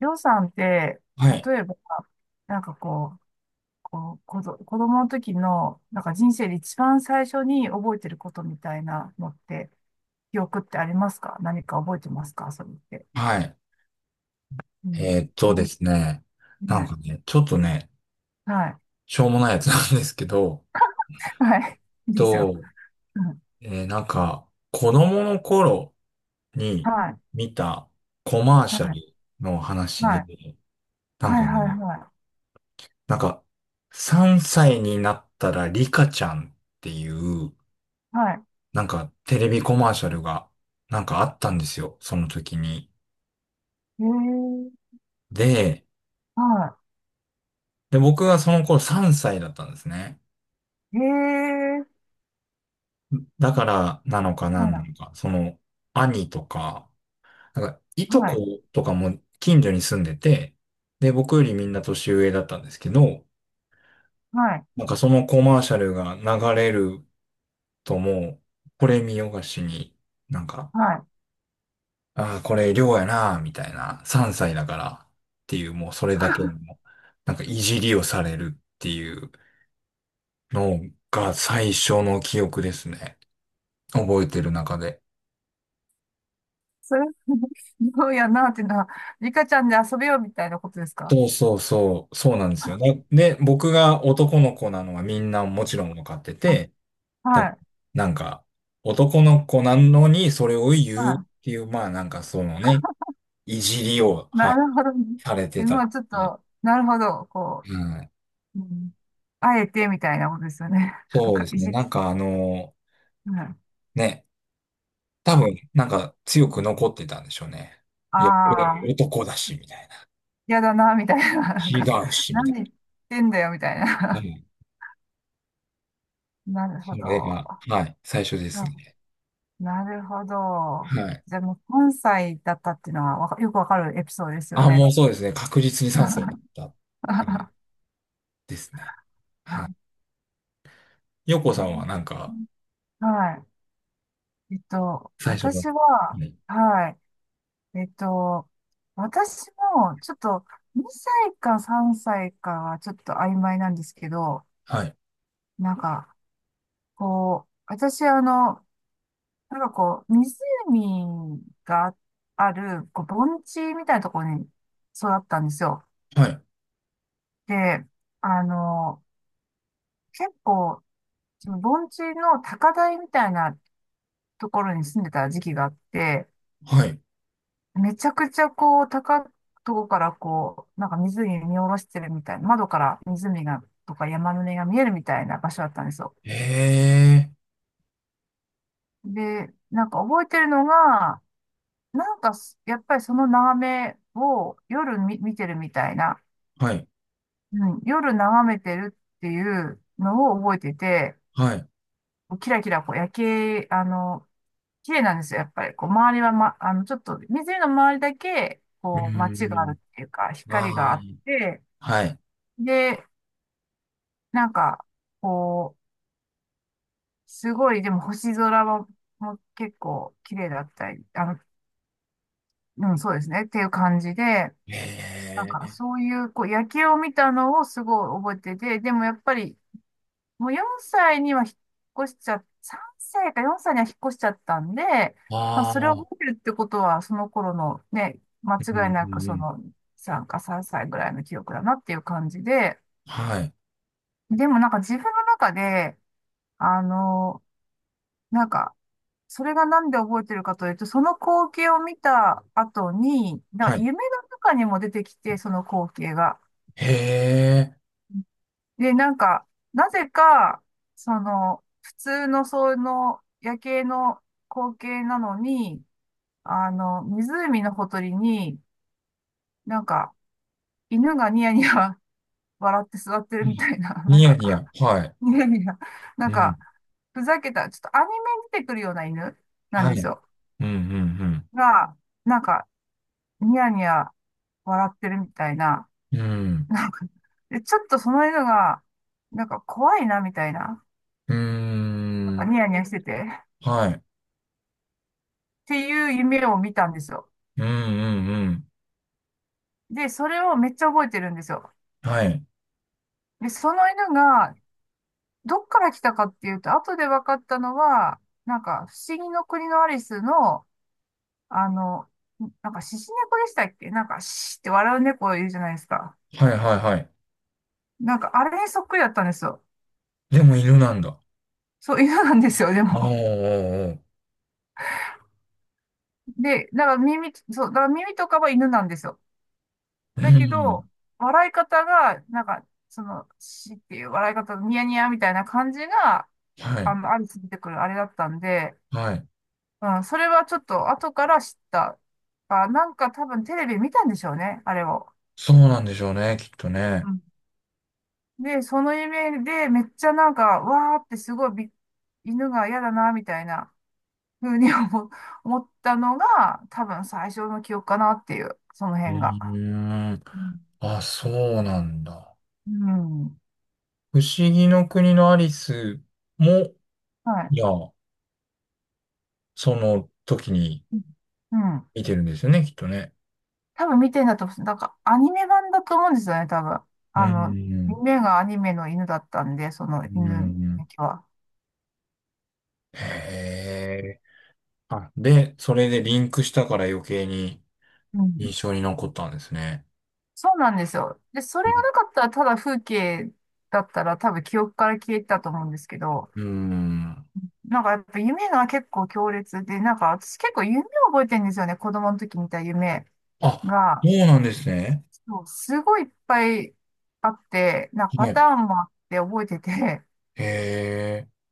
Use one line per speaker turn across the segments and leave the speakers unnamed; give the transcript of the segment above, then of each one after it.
りょうさんって、
はい。
例えば、なんかこう、子供の時の、なんか人生で一番最初に覚えてることみたいなのって、記憶ってありますか？何か覚えてますか、それって。
はい。
うん。な
で
ん、
すね。な
は
んか
い。
ね、ちょっとね、
はい。
しょうもないやつなん ですけど、
はい。いいですよ。
と、
うん。
なんか、子供の頃に
はい。
見たコマー
は
シャ
い。
ルの話
は
で、
い。
なん
は
か
い。は
ね、
い。は
なんか、3歳になったらリカちゃんっていう、
い。はい。
なんかテレビコマーシャルが、なんかあったんですよ。その時に。
へえ。
で、
は
で、僕がその頃3歳だったんですね。
い。へえ。
だからなのか
は
なんなの
い。
か、その、兄とか、なんか、いと
はい。
ことかも近所に住んでて、で、僕よりみんな年上だったんですけど、
はい。
なんかそのコマーシャルが流れるともう、これ見よがしに、なんか、
はい。
ああ、これ量やな、みたいな、3歳だからっていう、もうそれだけの、なんかいじりをされるっていうのが最初の記憶ですね。覚えてる中で。
それ、どうやなっていうのは、リカちゃんで遊べよみたいなことですか？
そうそうそう、そうなんですよね。で、僕が男の子なのはみんなもちろん分かってて、だ
はい。
なんか、男の子なのにそれを言うっ
は
ていう、まあなんかそのね、いじりを、
い。
は
な
い、
るほどね。
されて
え、ま
た
あちょっ
り。
と、なるほど、
うん、
う、うん、あえてみたいなことですよね。なん
そうで
か、
す
い
ね。
じ、
なんかあの、
はい。
ね、多分
あ
なんか強く残ってたんでしょうね。いや、俺
あー、
男だし、みたいな。
嫌だな、みたいな。なん
違
か、
うし、
な
み
ん
たい
で言ってんだよ、みたい
な。う
な。
ん、
なる
そ
ほ
れ
ど。
が、はい、最初で
う
す
ん、
ね。
なるほど。
はい。
じゃあもう関西だったっていうのは、わかよくわかるエピソードですよ
あ、も
ね。
うそうですね。確実に 賛成だった。はい。
は
ですね。はい。洋子さんはなんか、
い。えっと、
最初の。
私は、はい。えっと、私も、ちょっと、2歳か3歳かはちょっと曖昧なんですけど、
はい。
なんか、私、湖がある、こう、盆地みたいなところに育ったんですよ。
はい。はい。
で、あの、結構、その盆地の高台みたいなところに住んでた時期があって、
はい
めちゃくちゃこう、高いとこからこう、なんか湖見下ろしてるみたいな、窓から湖が、とか山の根が見えるみたいな場所だったんですよ。
ええ
で、なんか覚えてるのが、なんかすやっぱりその眺めを見てるみたいな、
ー。はい。
うん、夜眺めてるっていうのを覚えてて、
はい。
キラキラこう夜景、あの、綺麗なんですよ、やっぱり。こう、周りは、ま、あの、ちょっと、湖の周りだけ、
う
こう、街
ー
がある
ん。
っていうか、光が
あ
あ
あ。
って、
はい。
で、なんか、こう、すごい、でも星空も結構綺麗だったり、あの、うん、そうですね、っていう感じで、なん
え
か
え
そういう、こう、夜景を見たのをすごい覚えてて、でもやっぱり、もう4歳には引っ越しちゃ、3歳か4歳には引っ越しちゃったんで、
ー。
まあ、
あ
それを
あ。
覚えてるってことは、その頃のね、間
うん、
違い
う
なく
ん、う
そ
ん。
の3か3歳ぐらいの記憶だなっていう感じで、
はい。
でもなんか自分の中で、あの、なんか、それがなんで覚えてるかというと、その光景を見た後に、だか
は
ら
い。
夢の中にも出てきて、その光景が。
へえ。
で、なんか、なぜか、その、普通のその夜景の光景なのに、あの、湖のほとりに、なんか、犬がニヤニヤ 笑って座って
う
るみた
ん
いな、
ニヤニヤ。はい。
ニヤニヤ、なん
うん。
か、ふざけた、ちょっとアニメに出てくるような犬なん
は
です
い。
よ。
うん、うん、
が、なんか、ニヤニヤ笑ってるみたいな、
うん。うん。
なんか、で、ちょっとその犬が、なんか怖いなみたいな、
うー
なんか
ん。
ニヤニヤしてて、っ
はい。
ていう夢を見たんですよ。
うん、うん、うん。
で、それをめっちゃ覚えてるんですよ。
はい。
で、その犬が、どっから来たかっていうと、後で分かったのは、なんか、不思議の国のアリスの、あの、なんか、獅子猫でしたっけ？なんか、シーって笑う猫いるじゃないですか。
はいはいはい。
なんか、あれにそっくりだったんですよ。
でも犬なんだ。
そう、犬なんですよ、で
おー
も。
おーおー。
で、だから耳とかは犬なんですよ。
うん
だけ
ん。
ど、笑い方が、なんか、その、しっていう笑い方、ニヤニヤみたいな感じが、
は
あ
い。
の、アリス出てくるあれだったんで、
はい。
うん、それはちょっと後から知った。あ、なんか多分テレビ見たんでしょうね、あれを。
そうなんでしょうね、きっとね。
うん。で、その夢でめっちゃなんか、わーってすごいび犬が嫌だな、みたいな風に思思ったのが、多分最初の記憶かなっていう、その
う
辺が。
ーん。
うん。
あ、そうなんだ。
うん。
不思議の国のアリスも、
はい。
いや、その時に
うん。うん、
見てるんですよね、きっとね。
多分見てんだと思う。なんかアニメ版だと思うんですよね、多分。
う
あの、
ん。
夢がアニメの犬だったんで、その
う
犬
ん。
だけは。
へえ。あ、で、それでリンクしたから余計に
うん。
印象に残ったんですね。
そうなんですよ。で、そ
う
れが
ん。
なかったらただ風景だったら多分記憶から消えてたと思うんですけど、
うん
なんかやっぱ夢が結構強烈で、なんか私結構夢を覚えてるんですよね、子供の時見た夢
あ、そ
が。
うなんですね。
そう、すごいいっぱいあって、なんか
は
パタ
い。
ーンもあって覚えてて、
へえ。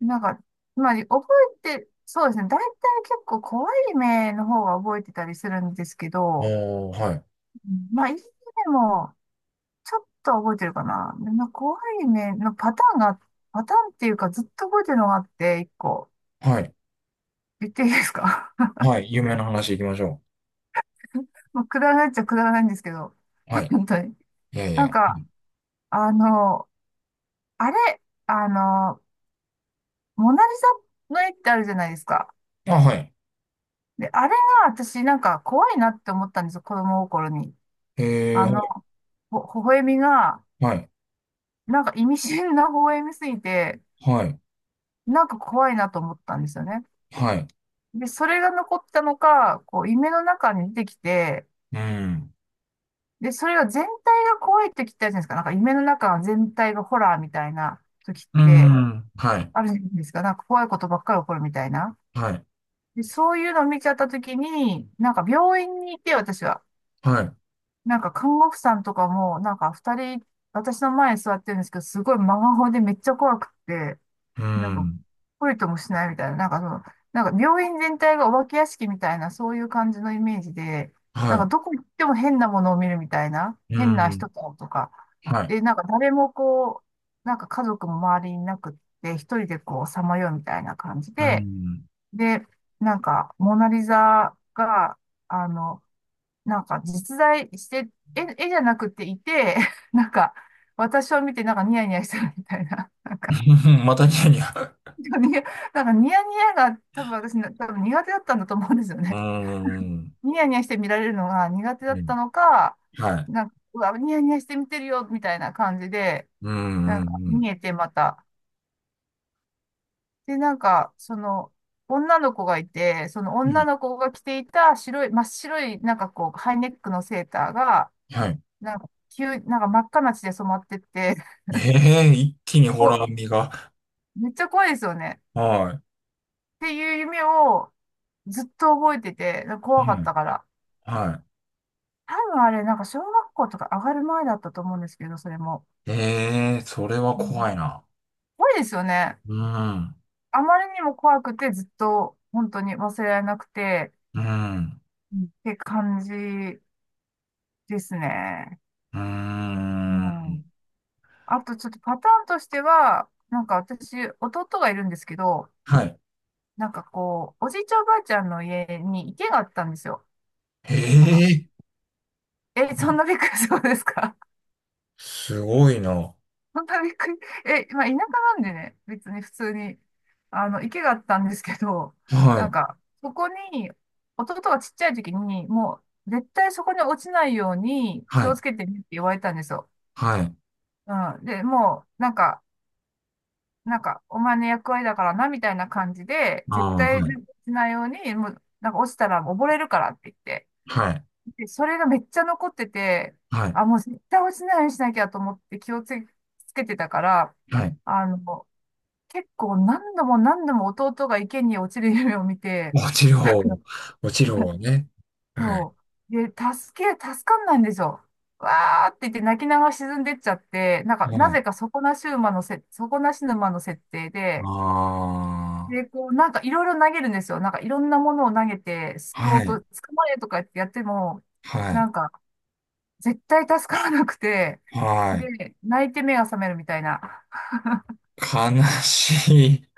なんか、まあ、覚えて、そうですね。大体結構怖い目の方が覚えてたりするんですけど、
おー、はい。
うん、まあ、いい目もちょっと覚えてるかな。でまあ怖い目のパターンが、パターンっていうかずっと覚えてるのがあって、一個。
はい。
言っていいですか？
はい。有名な話行きましょ
まあ、くだらないっちゃくだらないんですけど、
う。はい。
本当に。
いやい
なん
や。う
か、
ん
あの、あれ、あの、モナリザの絵ってあるじゃないですか。
あ、はい。
で、あれが私なんか怖いなって思ったんですよ、子供心に。
へえ、
あ
は
の、微笑みが、
い。
なんか意味深な微笑みすぎて、
はい。
なんか怖いなと思ったんですよね。
はい。
で、それが残ったのか、こう、夢の中に出てきて、
うん。
で、それが全体が怖いって聞いたじゃないですか。なんか夢の中全体がホラーみたいな時っ
う
て、
ん。はい。
あるじゃないですか。なんか怖いことばっかり起こるみたいな。
はい。
で、そういうのを見ちゃった時に、なんか病院にいて、私は。
はい。
なんか看護婦さんとかも、なんか二人、私の前に座ってるんですけど、すごい真顔でめっちゃ怖くって、
う
なんか、
ん。
懲りともしないみたいな、なんか病院全体がお化け屋敷みたいな、そういう感じのイメージで、なんか
は
どこ行っても変なものを見るみたいな、
い。う
変な
ん。
人ととか、
はい。
で、なんか誰もこう、なんか家族も周りにいなくって、一人でこう、さまようみたいな感じ
う
で、
ん。
で、なんか、モナリザが、あの、なんか実在して、絵じゃなくていて、なんか、私を見てなんかニヤニヤしてるみたいな、
またニヤニヤ。
なんかニヤニヤが多分苦手だったんだと思うんですよ
う
ね。
ん。
ニヤニヤして見られるのが苦手だ
う
っ
ん。
たのか、
はい。
なんか、うわ、ニヤニヤして見てるよ、みたいな感じで、
うん。
な
う
んか、
ん。うん。
見えてまた。で、なんか、その、女の子がいて、その
う
女
ん
の子が着ていた白い、真っ白い、なんかこう、ハイネックのセーターが、
はいうんうんうんはい
なんか真っ赤な血で染まってって、
ええ、一気にホラー
こ
味が。
う、めっちゃ怖いですよね。
は
っていう夢をずっと覚えてて、
い。
怖かっ
はい。
たから。
は
多分あれ、なんか小学校とか上がる前だったと思うんですけど、それも。
い。ええ、それは
うん、
怖いな。
怖いですよね。
うん、
あまりにも怖くてずっと本当に忘れられなくて、
うん、
うんって感じですね。
う
う
ん。
ん。あとちょっとパターンとしては、なんか私、弟がいるんですけど、
はい。
なんかこう、おじいちゃんおばあちゃんの家に池があったんですよ。
へ
なんか、
え、
え、そんなびっくりするんですか？
すごいな。
本当にびっくり。え、まあ、田舎なんでね、別に普通に、あの、池があったんですけど、
は
なん
い、
か、そこに、弟がちっちゃい時に、もう、絶対そこに落ちないように気
は
を
い、
つけてねって言われたんですよ。
はい。
うん。で、もう、なんか、お前の役割だからな、みたいな感じで、絶
ああ、
対
はい、
ね落ちないように、もう、なんか落ちたら溺れるからって言って。
はい、
で、それがめっちゃ残ってて、
はい、
あ、もう絶対落ちないようにしなきゃと思って気をつけてたから、
はい。
あの、結構何度も何度も弟が池に落ちる夢を見て、
落ちる方、落ちる方ね。は
そう。で、助かんないんですよ。わーって言って泣きながら沈んでっちゃって、なんか、
い、
な
ね。
ぜか底なし沼の設定で、
あ
で、こう、なんかいろいろ投げるんですよ。なんかいろんなものを投げて、
あ、
救お
は
う
い、
と、捕まえとかやってやっても、
は
な
い、
んか、絶対助からなくて、
はい。
で、泣いて目が覚めるみたいな。
悲しい。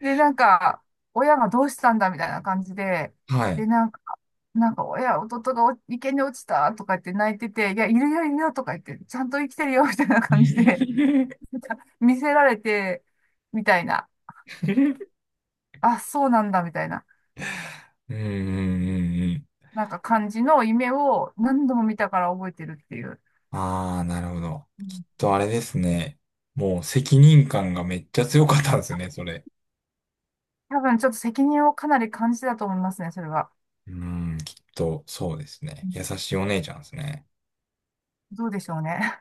で、なんか、親がどうしたんだみたいな感じで、
はい。
で、なんか、弟がお池に落ちたとか言って泣いてて、いや、いるよ、いるよとか言って、ちゃんと生きてるよみたいな感じで 見せられて、みたいな、あ、そうなんだみたいな、
うん、うん、うん、
なんか感じの夢を何度も見たから覚えてるっていう。
ああ、なるほど。
う
きっ
ん、
とあれですね。もう責任感がめっちゃ強かったんですね、それ。
多分ちょっと責任をかなり感じたと思いますね、それは。
うーん、きっとそうです
う
ね。
ん、
優しいお姉ちゃんですね。
どうでしょうね。